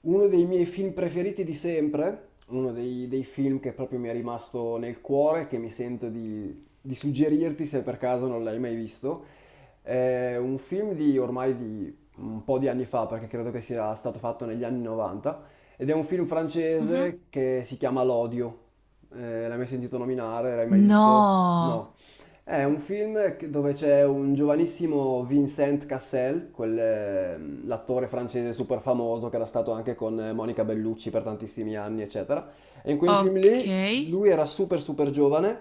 Uno dei miei film preferiti di sempre, uno dei film che proprio mi è rimasto nel cuore, che mi sento di suggerirti se per caso non l'hai mai visto, è un film di ormai di un po' di anni fa, perché credo che sia stato fatto negli anni 90, ed è un film Mhm. francese che si chiama L'Odio. L'hai mai sentito nominare? L'hai mai visto? No, No. È un film che- Dove c'è un giovanissimo Vincent Cassel, l'attore francese super famoso che era stato anche con Monica Bellucci per tantissimi anni, eccetera. E in quel film ok. lì lui era super super giovane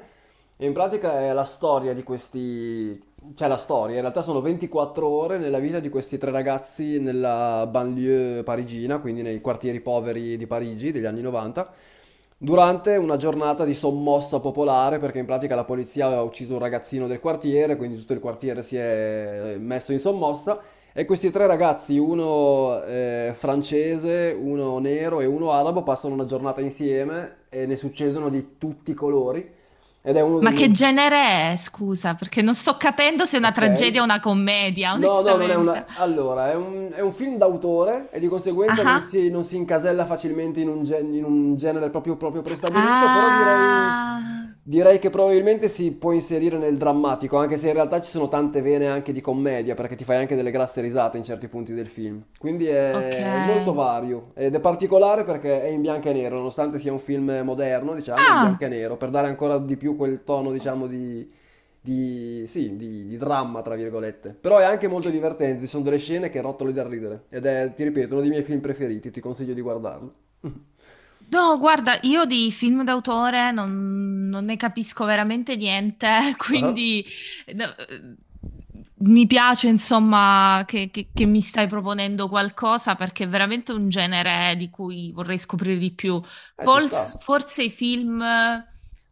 e in pratica è la storia di questi c'è la storia, in realtà sono 24 ore nella vita di questi tre ragazzi nella banlieue parigina, quindi nei quartieri poveri di Parigi degli anni 90, durante una giornata di sommossa popolare, perché in pratica la polizia aveva ucciso un ragazzino del quartiere, quindi tutto il quartiere si è messo in sommossa, e questi tre ragazzi, uno francese, uno nero e uno arabo, passano una giornata insieme e ne succedono di tutti i colori, ed è uno dei Ma che miei. genere è, scusa, perché non sto capendo se è una tragedia o Ok? una commedia, No, no, non è onestamente. una. Allora, è un film d'autore e di conseguenza non Ah, si, non si incasella facilmente in un genere proprio, proprio prestabilito, però direi, ah, direi che probabilmente si può inserire nel drammatico, anche se in realtà ci sono tante vene anche di commedia, perché ti fai anche delle grasse risate in certi punti del film. Quindi è molto ok. vario ed è particolare perché è in bianco e nero, nonostante sia un film moderno, diciamo, in bianco e Ah, nero, per dare ancora di più quel tono, diciamo, di, sì, di dramma, tra virgolette. Però è anche molto divertente, ci sono delle scene che rotolo da ridere. Ed è, ti ripeto, uno dei miei film preferiti, ti consiglio di guardarlo. no, guarda, io di film d'autore non ne capisco veramente niente, Ah, quindi no, mi piace, insomma, che mi stai proponendo qualcosa perché è veramente un genere di cui vorrei scoprire di più. Ci Forse, sta. forse i film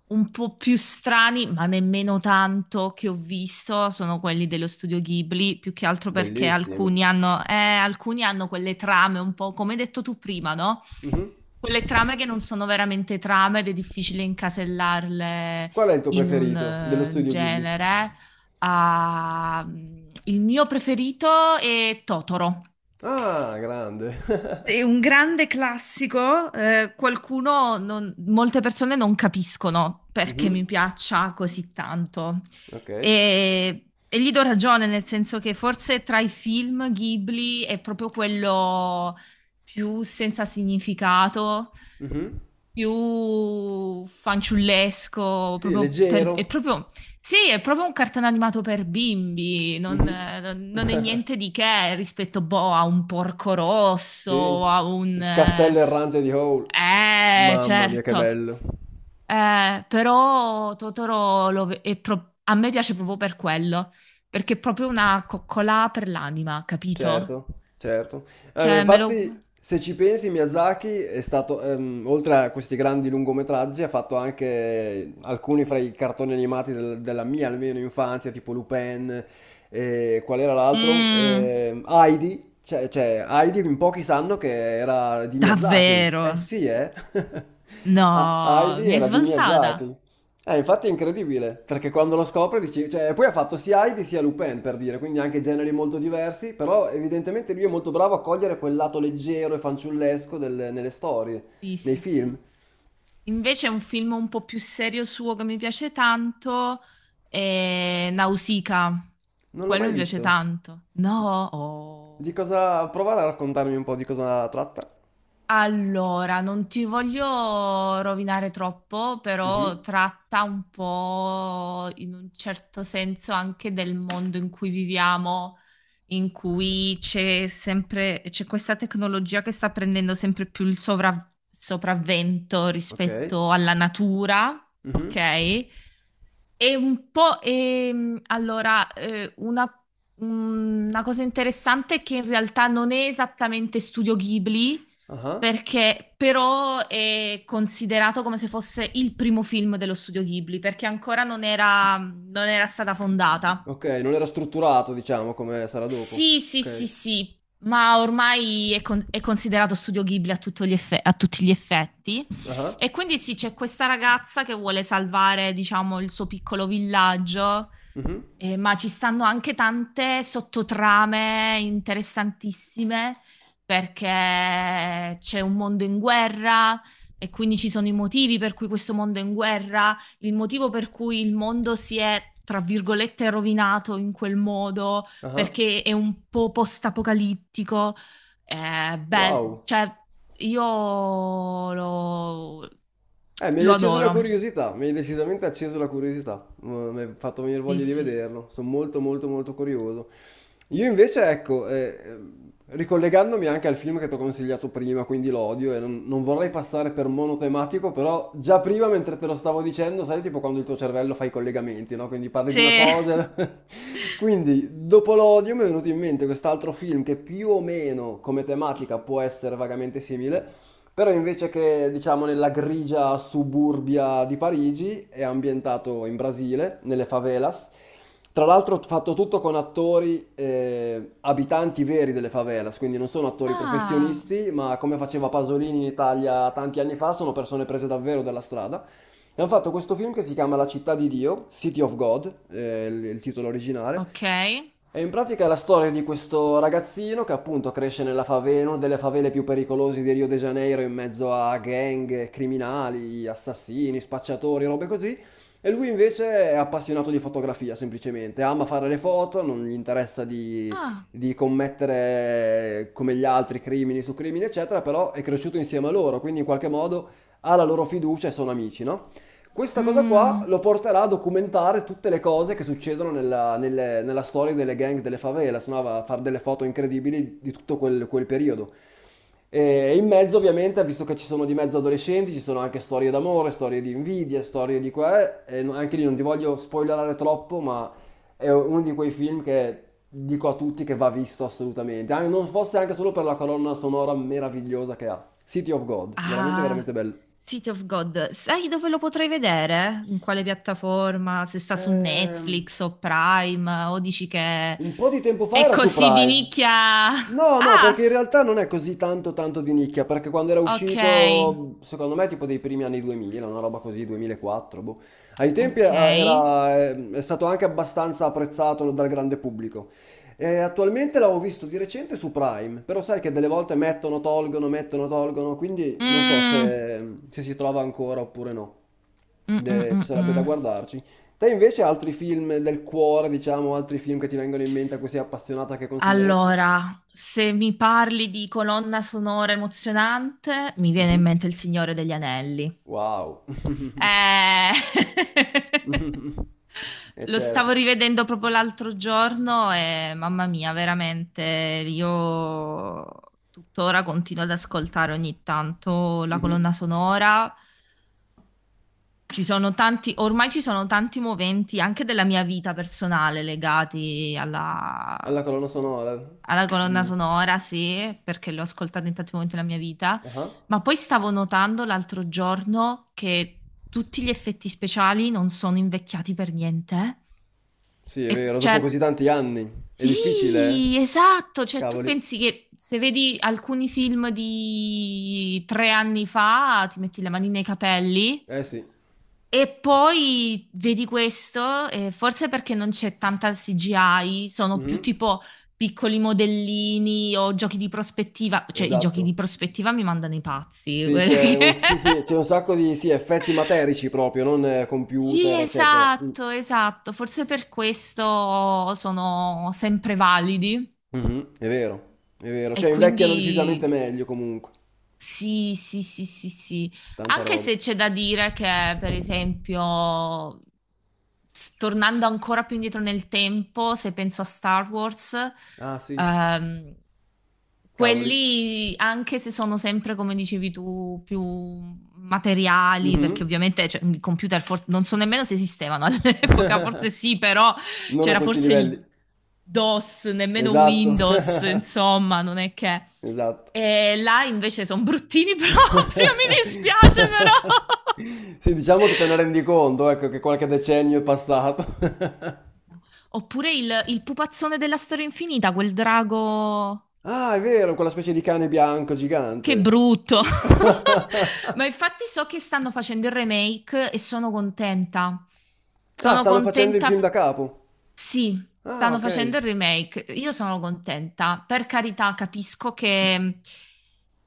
un po' più strani, ma nemmeno tanto che ho visto, sono quelli dello studio Ghibli, più che altro perché Bellissimo. Alcuni hanno quelle trame un po', come hai detto tu prima, no? Mhm. Quelle trame che non sono veramente trame ed è difficile incasellarle Qual è il tuo in un preferito dello studio Ghibli? genere. Ah, il mio preferito è Totoro. Ah, grande. È un grande classico, qualcuno, non- molte persone non capiscono perché Mhm, mi piaccia così tanto. ok. E gli do ragione, nel senso che forse tra i film Ghibli è proprio quello più senza significato, Mhm. più fanciullesco, Sì, proprio per- è leggero. proprio sì, è proprio un cartone animato per bimbi, non, Mhm. Non è niente di che rispetto, boh, a un Porco Rosso, Sì. a un... Il castello errante di Howl. Mamma mia, che certo. bello. Però Totoro lo ve- è pro- a me piace proprio per quello, perché è proprio una coccola per l'anima, capito? Certo, certo. Ma Cioè, me lo... infatti, se ci pensi, Miyazaki è stato, oltre a questi grandi lungometraggi, ha fatto anche alcuni fra i cartoni animati della mia, almeno infanzia, tipo Lupin, e qual era l'altro? Mm, Heidi, cioè, Heidi in pochi sanno che era di Miyazaki. davvero? Eh sì, eh? No, Ah, Heidi mi hai era di svoltata. Miyazaki. Infatti è incredibile, perché quando lo scopre dici, cioè, poi ha fatto sia Heidi sia Lupin per dire, quindi anche generi molto diversi, però evidentemente lui è molto bravo a cogliere quel lato leggero e fanciullesco nelle storie, Sì, nei sì, film. sì. Invece un film un po' più serio suo che mi piace tanto è Nausicaa. Non l'ho Quello mai mi piace visto. tanto. No, Di oh. cosa. Prova a raccontarmi un po' di cosa tratta. Allora, non ti voglio rovinare troppo, però Mhm, tratta un po' in un certo senso anche del mondo in cui viviamo, in cui c'è sempre, c'è questa tecnologia che sta prendendo sempre più il sovra- sopravvento ok. rispetto alla natura, Mhm, ok? È un po', allora, una cosa interessante è che in realtà non è esattamente studio Ghibli, aha. perché però è considerato come se fosse il primo film dello studio Ghibli, perché ancora non era stata fondata. Ok, non era strutturato, diciamo, come sarà dopo. Sì, sì, sì, Ok. sì, ma ormai è, con- è considerato studio Ghibli a, tutto gli effe- a tutti gli effetti. Ah. E quindi sì, c'è questa ragazza che vuole salvare, diciamo, il suo piccolo villaggio, Mhm, ma ci stanno anche tante sottotrame interessantissime perché c'è un mondo in guerra e quindi ci sono i motivi per cui questo mondo è in guerra, il motivo per cui il mondo si è, tra virgolette, rovinato in quel modo aha, perché è un po' post-apocalittico. Eh, bel- wow. cioè, io lo, Mi hai lo acceso la adoro. curiosità, mi hai decisamente acceso la curiosità. Mm, mi hai fatto venire Sì, voglia di sì. vederlo, sono molto molto molto curioso. Io invece, ecco, ricollegandomi anche al film che ti ho consigliato prima, quindi l'odio, e non vorrei passare per monotematico, però già prima mentre te lo stavo dicendo, sai, tipo quando il tuo cervello fa i collegamenti, no? Quindi parli di una Se- cosa. Quindi, dopo l'odio mi è venuto in mente quest'altro film che più o meno come tematica può essere vagamente simile, però invece che diciamo nella grigia suburbia di Parigi, è ambientato in Brasile, nelle favelas. Tra l'altro fatto tutto con attori abitanti veri delle favelas, quindi non sono attori Ah, professionisti, ma come faceva Pasolini in Italia tanti anni fa, sono persone prese davvero dalla strada. E hanno fatto questo film che si chiama La città di Dio, City of God, il titolo originale, ok. è in pratica la storia di questo ragazzino che appunto cresce nella favela, in una delle favele più pericolose di Rio de Janeiro, in mezzo a gang, criminali, assassini, spacciatori, robe così. E lui invece è appassionato di fotografia, semplicemente. Ama fare le foto, non gli interessa di, Ah, di commettere come gli altri crimini su crimini, eccetera, però è cresciuto insieme a loro, quindi in qualche modo ha la loro fiducia e sono amici, no? Questa cosa qua mm, lo porterà a documentare tutte le cose che succedono nella storia delle gang delle favelas, no? Va a fare delle foto incredibili di tutto quel periodo. E in mezzo, ovviamente, visto che ci sono di mezzo adolescenti, ci sono anche storie d'amore, storie di invidia, storie di qua, e no- anche lì non ti voglio spoilerare troppo, ma è uno di quei film che dico a tutti che va visto assolutamente, non fosse anche solo per la colonna sonora meravigliosa che ha. City of God, veramente ah, veramente bello. City of God. Sai dove lo potrei vedere? In quale piattaforma? Se sta su Ehm, Netflix o Prime? O dici che Un po' di tempo fa è era su così di Prime. nicchia? No, no, Ah, perché in s- realtà non è così tanto tanto di nicchia, perché quando era ok. uscito, secondo me, tipo dei primi anni 2000, una roba così, 2004, boh. Ai tempi Ok. era, è stato anche abbastanza apprezzato dal grande pubblico. E attualmente l'avevo visto di recente su Prime, però sai che delle volte mettono, tolgono, quindi non so Mm, se si trova ancora oppure no. mm, mm, Ci mm, sarebbe da mm. guardarci. Te invece altri film del cuore, diciamo, altri film che ti vengono in mente a cui sei appassionata che consiglieresti? Allora, se mi parli di colonna sonora emozionante, mi viene in Mhm. mente Il Signore degli Anelli. Wow. Eh, E lo certo. stavo rivedendo proprio l'altro giorno e mamma mia, veramente, io tuttora continuo ad ascoltare ogni tanto la Mhm. colonna sonora. Ci sono tanti, ormai ci sono tanti moventi anche della mia vita personale legati alla, È la colonna sonora alla colonna di. sonora, sì, perché l'ho ascoltata in tanti momenti della mia vita, Ah. ma poi stavo notando l'altro giorno che tutti gli effetti speciali non sono invecchiati per niente. Sì, è E vero, dopo cioè, così tanti s- anni. È difficile, eh? sì, esatto. Cioè, tu Cavoli. pensi che se vedi alcuni film di 3 anni fa, ti metti le mani nei capelli Eh sì. e poi vedi questo, e forse perché non c'è tanta CGI, sono più Mhm. tipo piccoli modellini o giochi di prospettiva, cioè i giochi Esatto. di prospettiva mi mandano i pazzi. Sì, c'è Quelli che- sì, sì, c'è un sacco di sì, effetti materici proprio, non Sì, computer, eccetera. Mm. esatto, esatto, forse per questo sono sempre validi Mhm, è vero, è vero. e Cioè invecchiano decisamente quindi meglio comunque. sì, sì, sì, sì, sì. Tanta Anche roba. se c'è da dire che, per esempio, s- tornando ancora più indietro nel tempo, se penso a Star Wars, Ah sì, ehm, cavoli. quelli, anche se sono sempre, come dicevi tu, più materiali, Mh-mh. perché ovviamente, cioè, i computer for- non so nemmeno se esistevano all'epoca, forse sì, però Non a c'era questi forse il livelli. DOS, nemmeno Esatto. Windows, insomma, non è che... Esatto. E là invece sono bruttini proprio, mi dispiace però. Sì, diciamo che te ne rendi conto, ecco, che qualche decennio è passato. Oppure il pupazzone della storia infinita, quel drago... Ah, è vero, quella specie di cane bianco Che gigante. brutto! Ma infatti so che stanno facendo il remake e sono contenta. Ah, Sono stanno facendo il film da contenta. capo. Sì, Ah, stanno ok. facendo il remake. Io sono contenta. Per carità, capisco che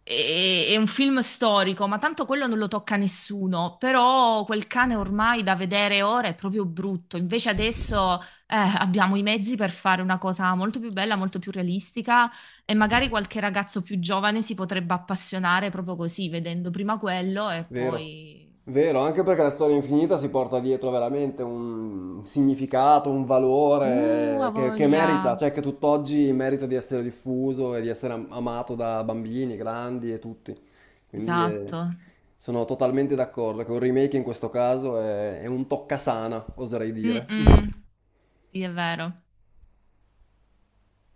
è un film storico, ma tanto quello non lo tocca nessuno. Però quel cane ormai da vedere ora è proprio brutto. Invece adesso abbiamo i mezzi per fare una cosa molto più bella, molto più realistica e magari qualche ragazzo più giovane si potrebbe appassionare proprio così, vedendo prima quello e Vero, poi... vero, anche perché la storia infinita si porta dietro veramente un significato, un valore ha che merita, voglia! cioè che tutt'oggi merita di essere diffuso e di essere amato da bambini, grandi e tutti. Quindi Esatto. sono totalmente d'accordo che un remake in questo caso è un toccasana, oserei dire. Mm-mm. Sì, è vero.